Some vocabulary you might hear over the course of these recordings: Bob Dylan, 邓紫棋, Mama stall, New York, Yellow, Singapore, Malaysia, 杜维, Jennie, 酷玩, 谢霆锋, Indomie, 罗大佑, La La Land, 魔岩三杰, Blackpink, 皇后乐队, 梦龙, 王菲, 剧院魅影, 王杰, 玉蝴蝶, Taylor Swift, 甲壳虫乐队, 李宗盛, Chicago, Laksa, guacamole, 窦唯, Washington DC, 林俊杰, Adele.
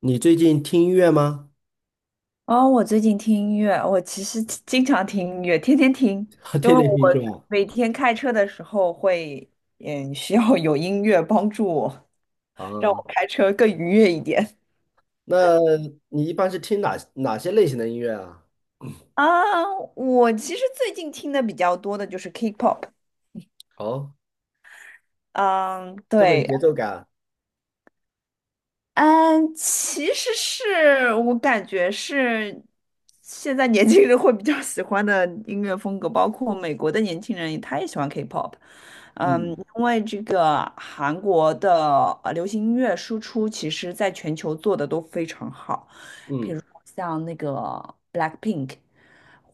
你最近听音乐吗？哦，我最近听音乐，我其实经常听音乐，天天听，因天为我天听是吧？每天开车的时候会，需要有音乐帮助我，让我啊，开车更愉悦一点。那你一般是听哪些类型的音乐啊？啊，我其实最近听的比较多的就是 K-pop，哦，嗯，这么有对，节奏感。嗯，其实是我感觉是现在年轻人会比较喜欢的音乐风格，包括美国的年轻人，他也喜欢 K-pop。嗯，嗯因为这个韩国的流行音乐输出，其实在全球做的都非常好，比嗯如说像那个 Blackpink，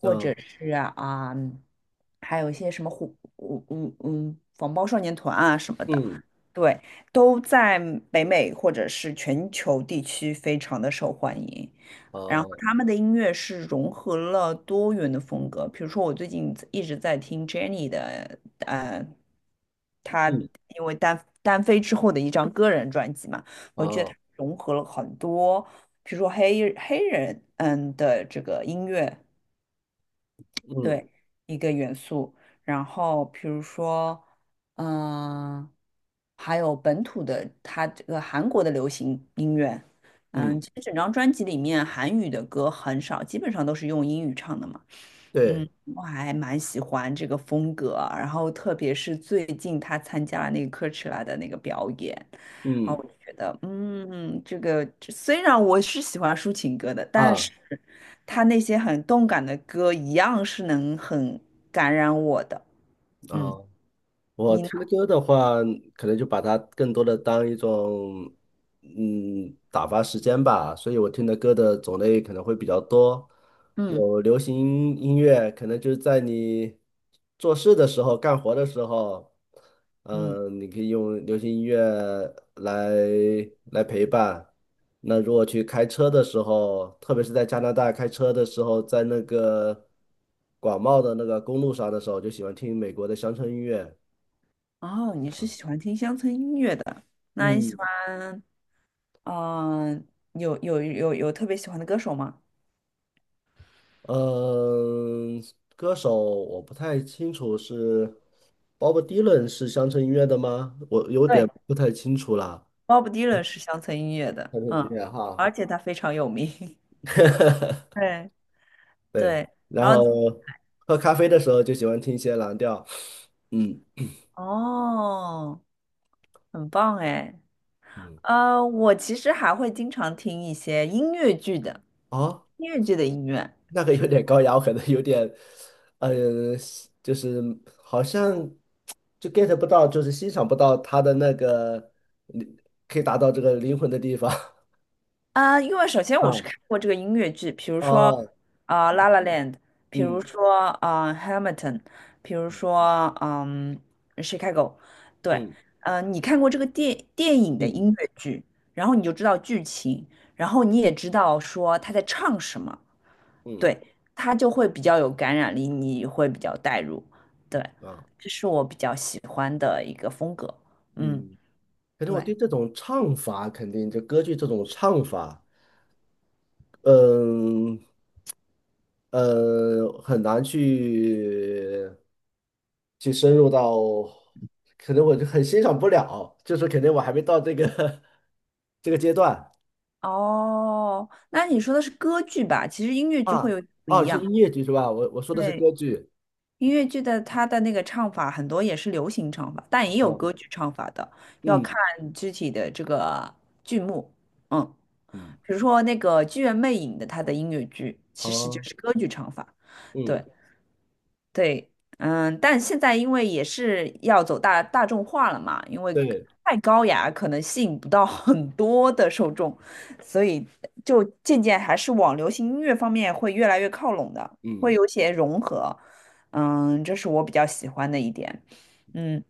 或嗯者是啊、还有一些什么虎，防爆少年团啊什么的。嗯对，都在北美或者是全球地区非常的受欢迎。然后啊他们的音乐是融合了多元的风格，比如说我最近一直在听 Jennie 的，她嗯因为单飞之后的一张个人专辑嘛，我觉得啊她融合了很多，比如说黑人的这个音乐，嗯对，一个元素。然后比如说，嗯、还有本土的，它这个韩国的流行音乐，嗯，其实整张专辑里面韩语的歌很少，基本上都是用英语唱的嘛。嗯，对，我还蛮喜欢这个风格啊，然后特别是最近他参加了那个 c o a c h e 的那个表演，然后嗯我就觉得，这虽然我是喜欢抒情歌的，但啊是。他那些很动感的歌一样是能很感染我的。嗯，啊我你呢？听的歌的话，可能就把它更多的当一种，打发时间吧。所以我听的歌的种类可能会比较多，嗯有流行音乐，可能就是在你做事的时候、干活的时候，嗯，你可以用流行音乐来来陪伴。那如果去开车的时候，特别是在加拿大开车的时候，在那个广袤的那个公路上的时候，就喜欢听美国的乡村音乐。哦，你是喜欢听乡村音乐的，那你嗯喜欢嗯、有特别喜欢的歌手吗？嗯，歌手我不太清楚是 Bob Dylan 是乡村音乐的吗？我有点对不太清楚啦。，Bob Dylan 是乡村音乐的，乡村音乐哈，而且他非常有名。对对。对，然然后后喝咖啡的时候就喜欢听一些蓝调。嗯哦，很棒哎。嗯，我其实还会经常听一些音乐剧的哦，音乐剧的音乐。那个有点高雅，我可能有点，嗯、就是好像就 get 不到，就是欣赏不到他的那个可以达到这个灵魂的地方。啊，因为首先我是啊。看过这个音乐剧，比如说哦，嗯La La Land》，比如嗯说Hamilton》，比如嗯说《Chicago》。对，嗯，你看过这个电影电的音影，乐剧，然后你就知道剧情，然后你也知道说他在唱什么，嗯对，他就会比较有感染力，你会比较带入。对，啊这是我比较喜欢的一个风格。嗯，嗯，可能我对。对这种唱法，肯定就歌剧这种唱法，嗯很难去深入到，可能我就很欣赏不了，就是肯定我还没到这个 这个阶段。哦，那你说的是歌剧吧？其实音乐剧会啊有点不啊，一是样。音乐剧是吧？我说的是对，歌剧。音乐剧的它的那个唱法很多也是流行唱法，但也有歌啊剧唱法的，要看嗯具体的这个剧目。嗯，嗯比如说那个《剧院魅影》的它的音乐剧其实就啊是歌剧唱法。嗯对，对，但现在因为也是要走大众化了嘛，因为对太高雅可能吸引不到 很多的受众，所以就渐渐还是往流行音乐方面会越来越靠拢的，会嗯，有些融合，这是我比较喜欢的一点，嗯，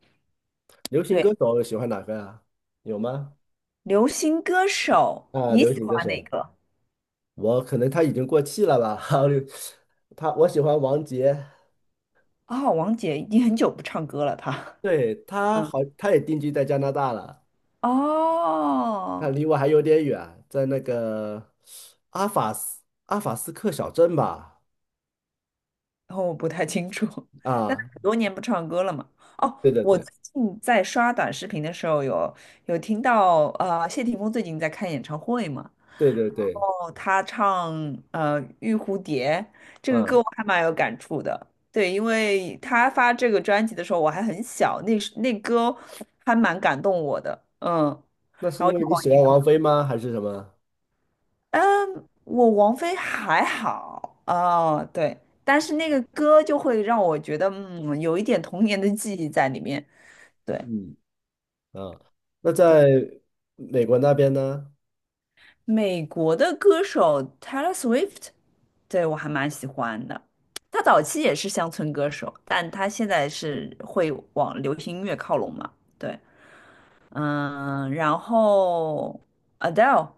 流行歌对，手喜欢哪个啊？有吗？流行歌手啊，你流喜行歌欢哪手，个？我可能他已经过气了吧？他我喜欢王杰。哦，王姐已经很久不唱歌了，她，对，他嗯，好，他也定居在加拿大了。那哦。离我还有点远，在那个阿法斯克小镇吧？然后我不太清楚，但是啊，很多年不唱歌了嘛。哦，对对我对最近在刷短视频的时候有听到，谢霆锋最近在开演唱会嘛，对对对，哦，他唱《玉蝴蝶》这个歌，嗯，我还蛮有感触的。对，因为他发这个专辑的时候我还很小，那时那歌还蛮感动我的，那是然后因就为你网喜易。欢王菲吗？还是什么？嗯，我王菲还好，哦，对，但是那个歌就会让我觉得，有一点童年的记忆在里面。对嗯啊，那对，在美国那边呢？美国的歌手 Taylor Swift，对我还蛮喜欢的。他早期也是乡村歌手，但他现在是会往流行音乐靠拢嘛？对，然后 Adele，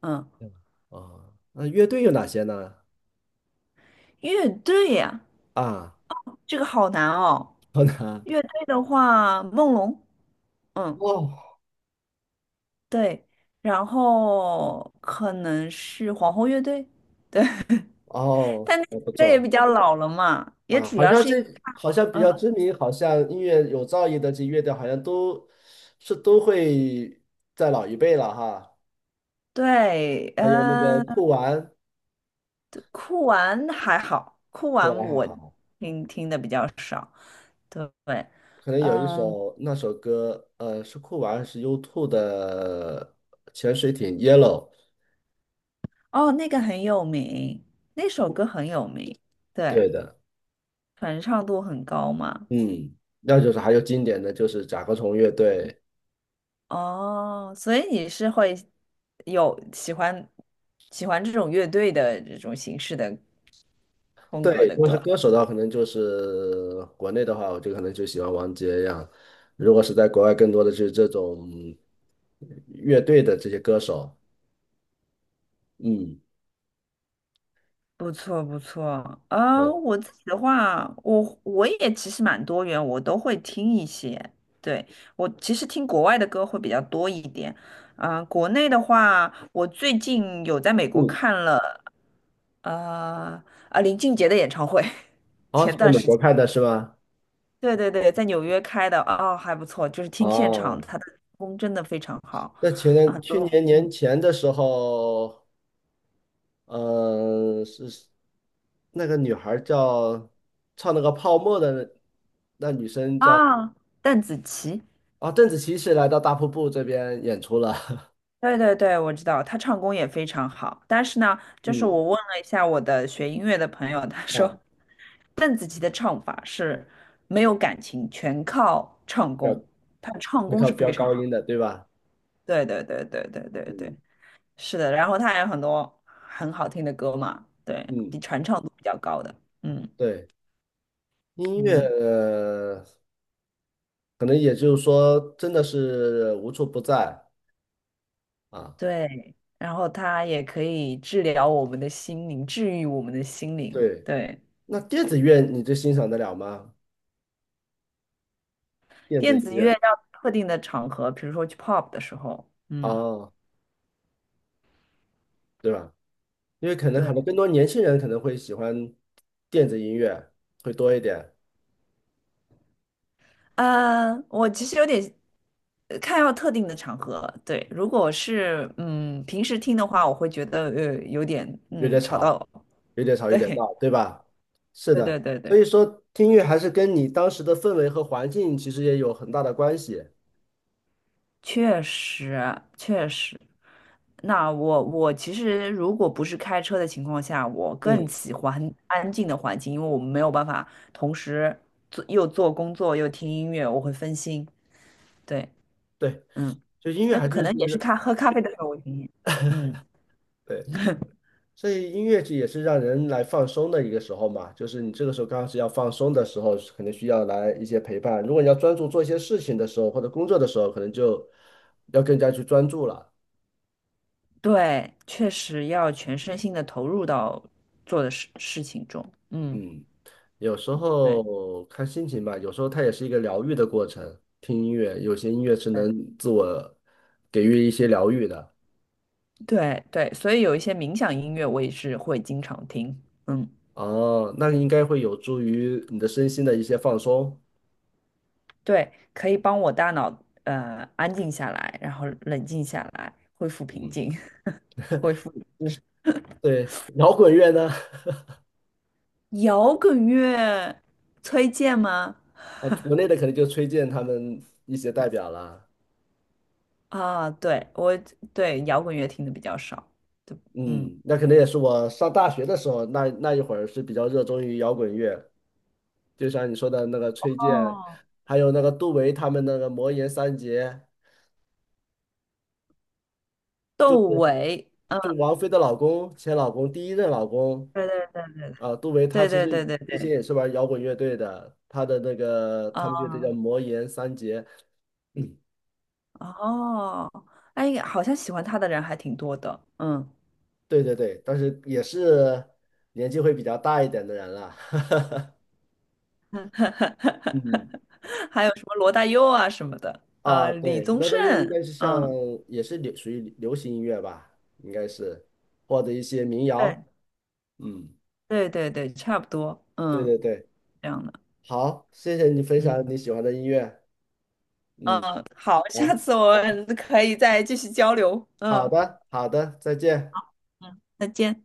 嗯，嗯哦，那乐队有哪些呢？乐队呀，啊，这个好难哦。好难乐队的话，梦龙。嗯，哦。对，然后可能是皇后乐队，对，哦，但那我首不歌也错。比较老了嘛，也啊，主好要像是因这为他，好像比嗯，较知名，好像音乐有造诣的这乐队，好像都会在老一辈了哈。对，还有那个酷玩。酷玩还好，酷酷玩玩还我好，听的比较少，对，可能有一嗯，首那首歌，是酷玩还是 U2 的潜水艇 Yellow？哦，那个很有名，那首歌很有名，对对，的。传唱度很高嘛。嗯，那就是还有经典的就是甲壳虫乐队。哦，所以你是会有喜欢这种乐队的这种形式的风对，格如的果是歌，歌手的话，可能就是国内的话，我就可能就喜欢王杰呀。如果是在国外，更多的就是这种乐队的这些歌手。嗯，不错不错。对，我自己的话，我也其实蛮多元，我都会听一些。对，我其实听国外的歌会比较多一点。国内的话，我最近有在美国嗯，看了呃林俊杰的演唱会，哦，前是在段美时国间。看的是吗？对对对，在纽约开的，哦，还不错，就是听现场，哦，他的唱功真的非常好，在前啊，年很去多，年年前的时候，嗯、是那个女孩儿叫，唱那个泡沫的那女生啊，邓紫棋，啊，邓紫棋是来到大瀑布这边演出了。对对对，我知道，他唱功也非常好，但是呢，就是嗯，我问了一下我的学音乐的朋友，他说啊，邓紫棋的唱法是没有感情，全靠唱飙，功，她的唱会功唱是飙非常高好，音的，对吧？对对对对对对嗯对，是的，然后她还有很多很好听的歌嘛，对，比嗯，传唱度比较高的，嗯对。音乐，嗯。可能也就是说，真的是无处不在啊。对，然后它也可以治疗我们的心灵，治愈我们的心灵。对，对，那电子乐你就欣赏得了吗？电子电音子乐乐要特定的场合，比如说去 pop 的时候，嗯，啊，对吧？因为可能对，很多更多年轻人可能会喜欢电子音乐会多一点。我其实有点看要特定的场合。对，如果是平时听的话，我会觉得有点有点吵吵，到我。有点 吵，有点对，闹，对吧？是对对的。对所对。以说听音乐还是跟你当时的氛围和环境其实也有很大的关系。确实，确实。那我其实如果不是开车的情况下，我更嗯，喜欢安静的环境，因为我们没有办法同时又做工作又听音乐，我会分心。对，对，嗯，就音乐就还可是能也是是，喝咖啡的时候我听音乐嗯，对。所以音乐剧也是让人来放松的一个时候嘛，就是你这个时候刚好是要放松的时候，可能需要来一些陪伴。如果你要专注做一些事情的时候，或者工作的时候，可能就要更加去专注了。对，确实要全身心的投入到做的事情中。嗯，嗯，有时对候看心情吧，有时候它也是一个疗愈的过程。听音乐，有些音乐是对能自我给予一些疗愈的。对对，所以有一些冥想音乐我也是会经常听。嗯。哦，那应该会有助于你的身心的一些放松。对，可以帮我大脑安静下来，然后冷静下来，恢复平嗯，静，恢复理智。对，摇滚乐呢？摇滚乐推荐吗？啊，国内的可能就崔健他们一些代表了。啊，对，我对摇滚乐听的比较少。对，嗯，嗯，那可能也是我上大学的时候，那一会儿是比较热衷于摇滚乐，就像你说的那个崔健，哦，还有那个杜维他们那个魔岩三杰，就窦是唯，嗯，就王菲的老公，前老公，第一任老公。对啊，杜维他对其对实对对之对前对，也是玩摇滚乐队的，他的那个他们乐队叫啊，魔岩三杰。嗯，哦，哎，好像喜欢他的人还挺多的，嗯，对对对，但是也是年纪会比较大一点的人了。嗯。还有什么罗大佑啊什么的，啊，李对，宗热盛，带乐应该是像嗯。也是属于流行音乐吧，应该是或者一些民对。谣。嗯，对对对，差不多，对嗯，对对，这样的，好，谢谢你分享嗯，你喜欢的音乐。嗯，嗯，好，下好，次我们可以再继续交流，好嗯的，好的，再见。嗯，再见。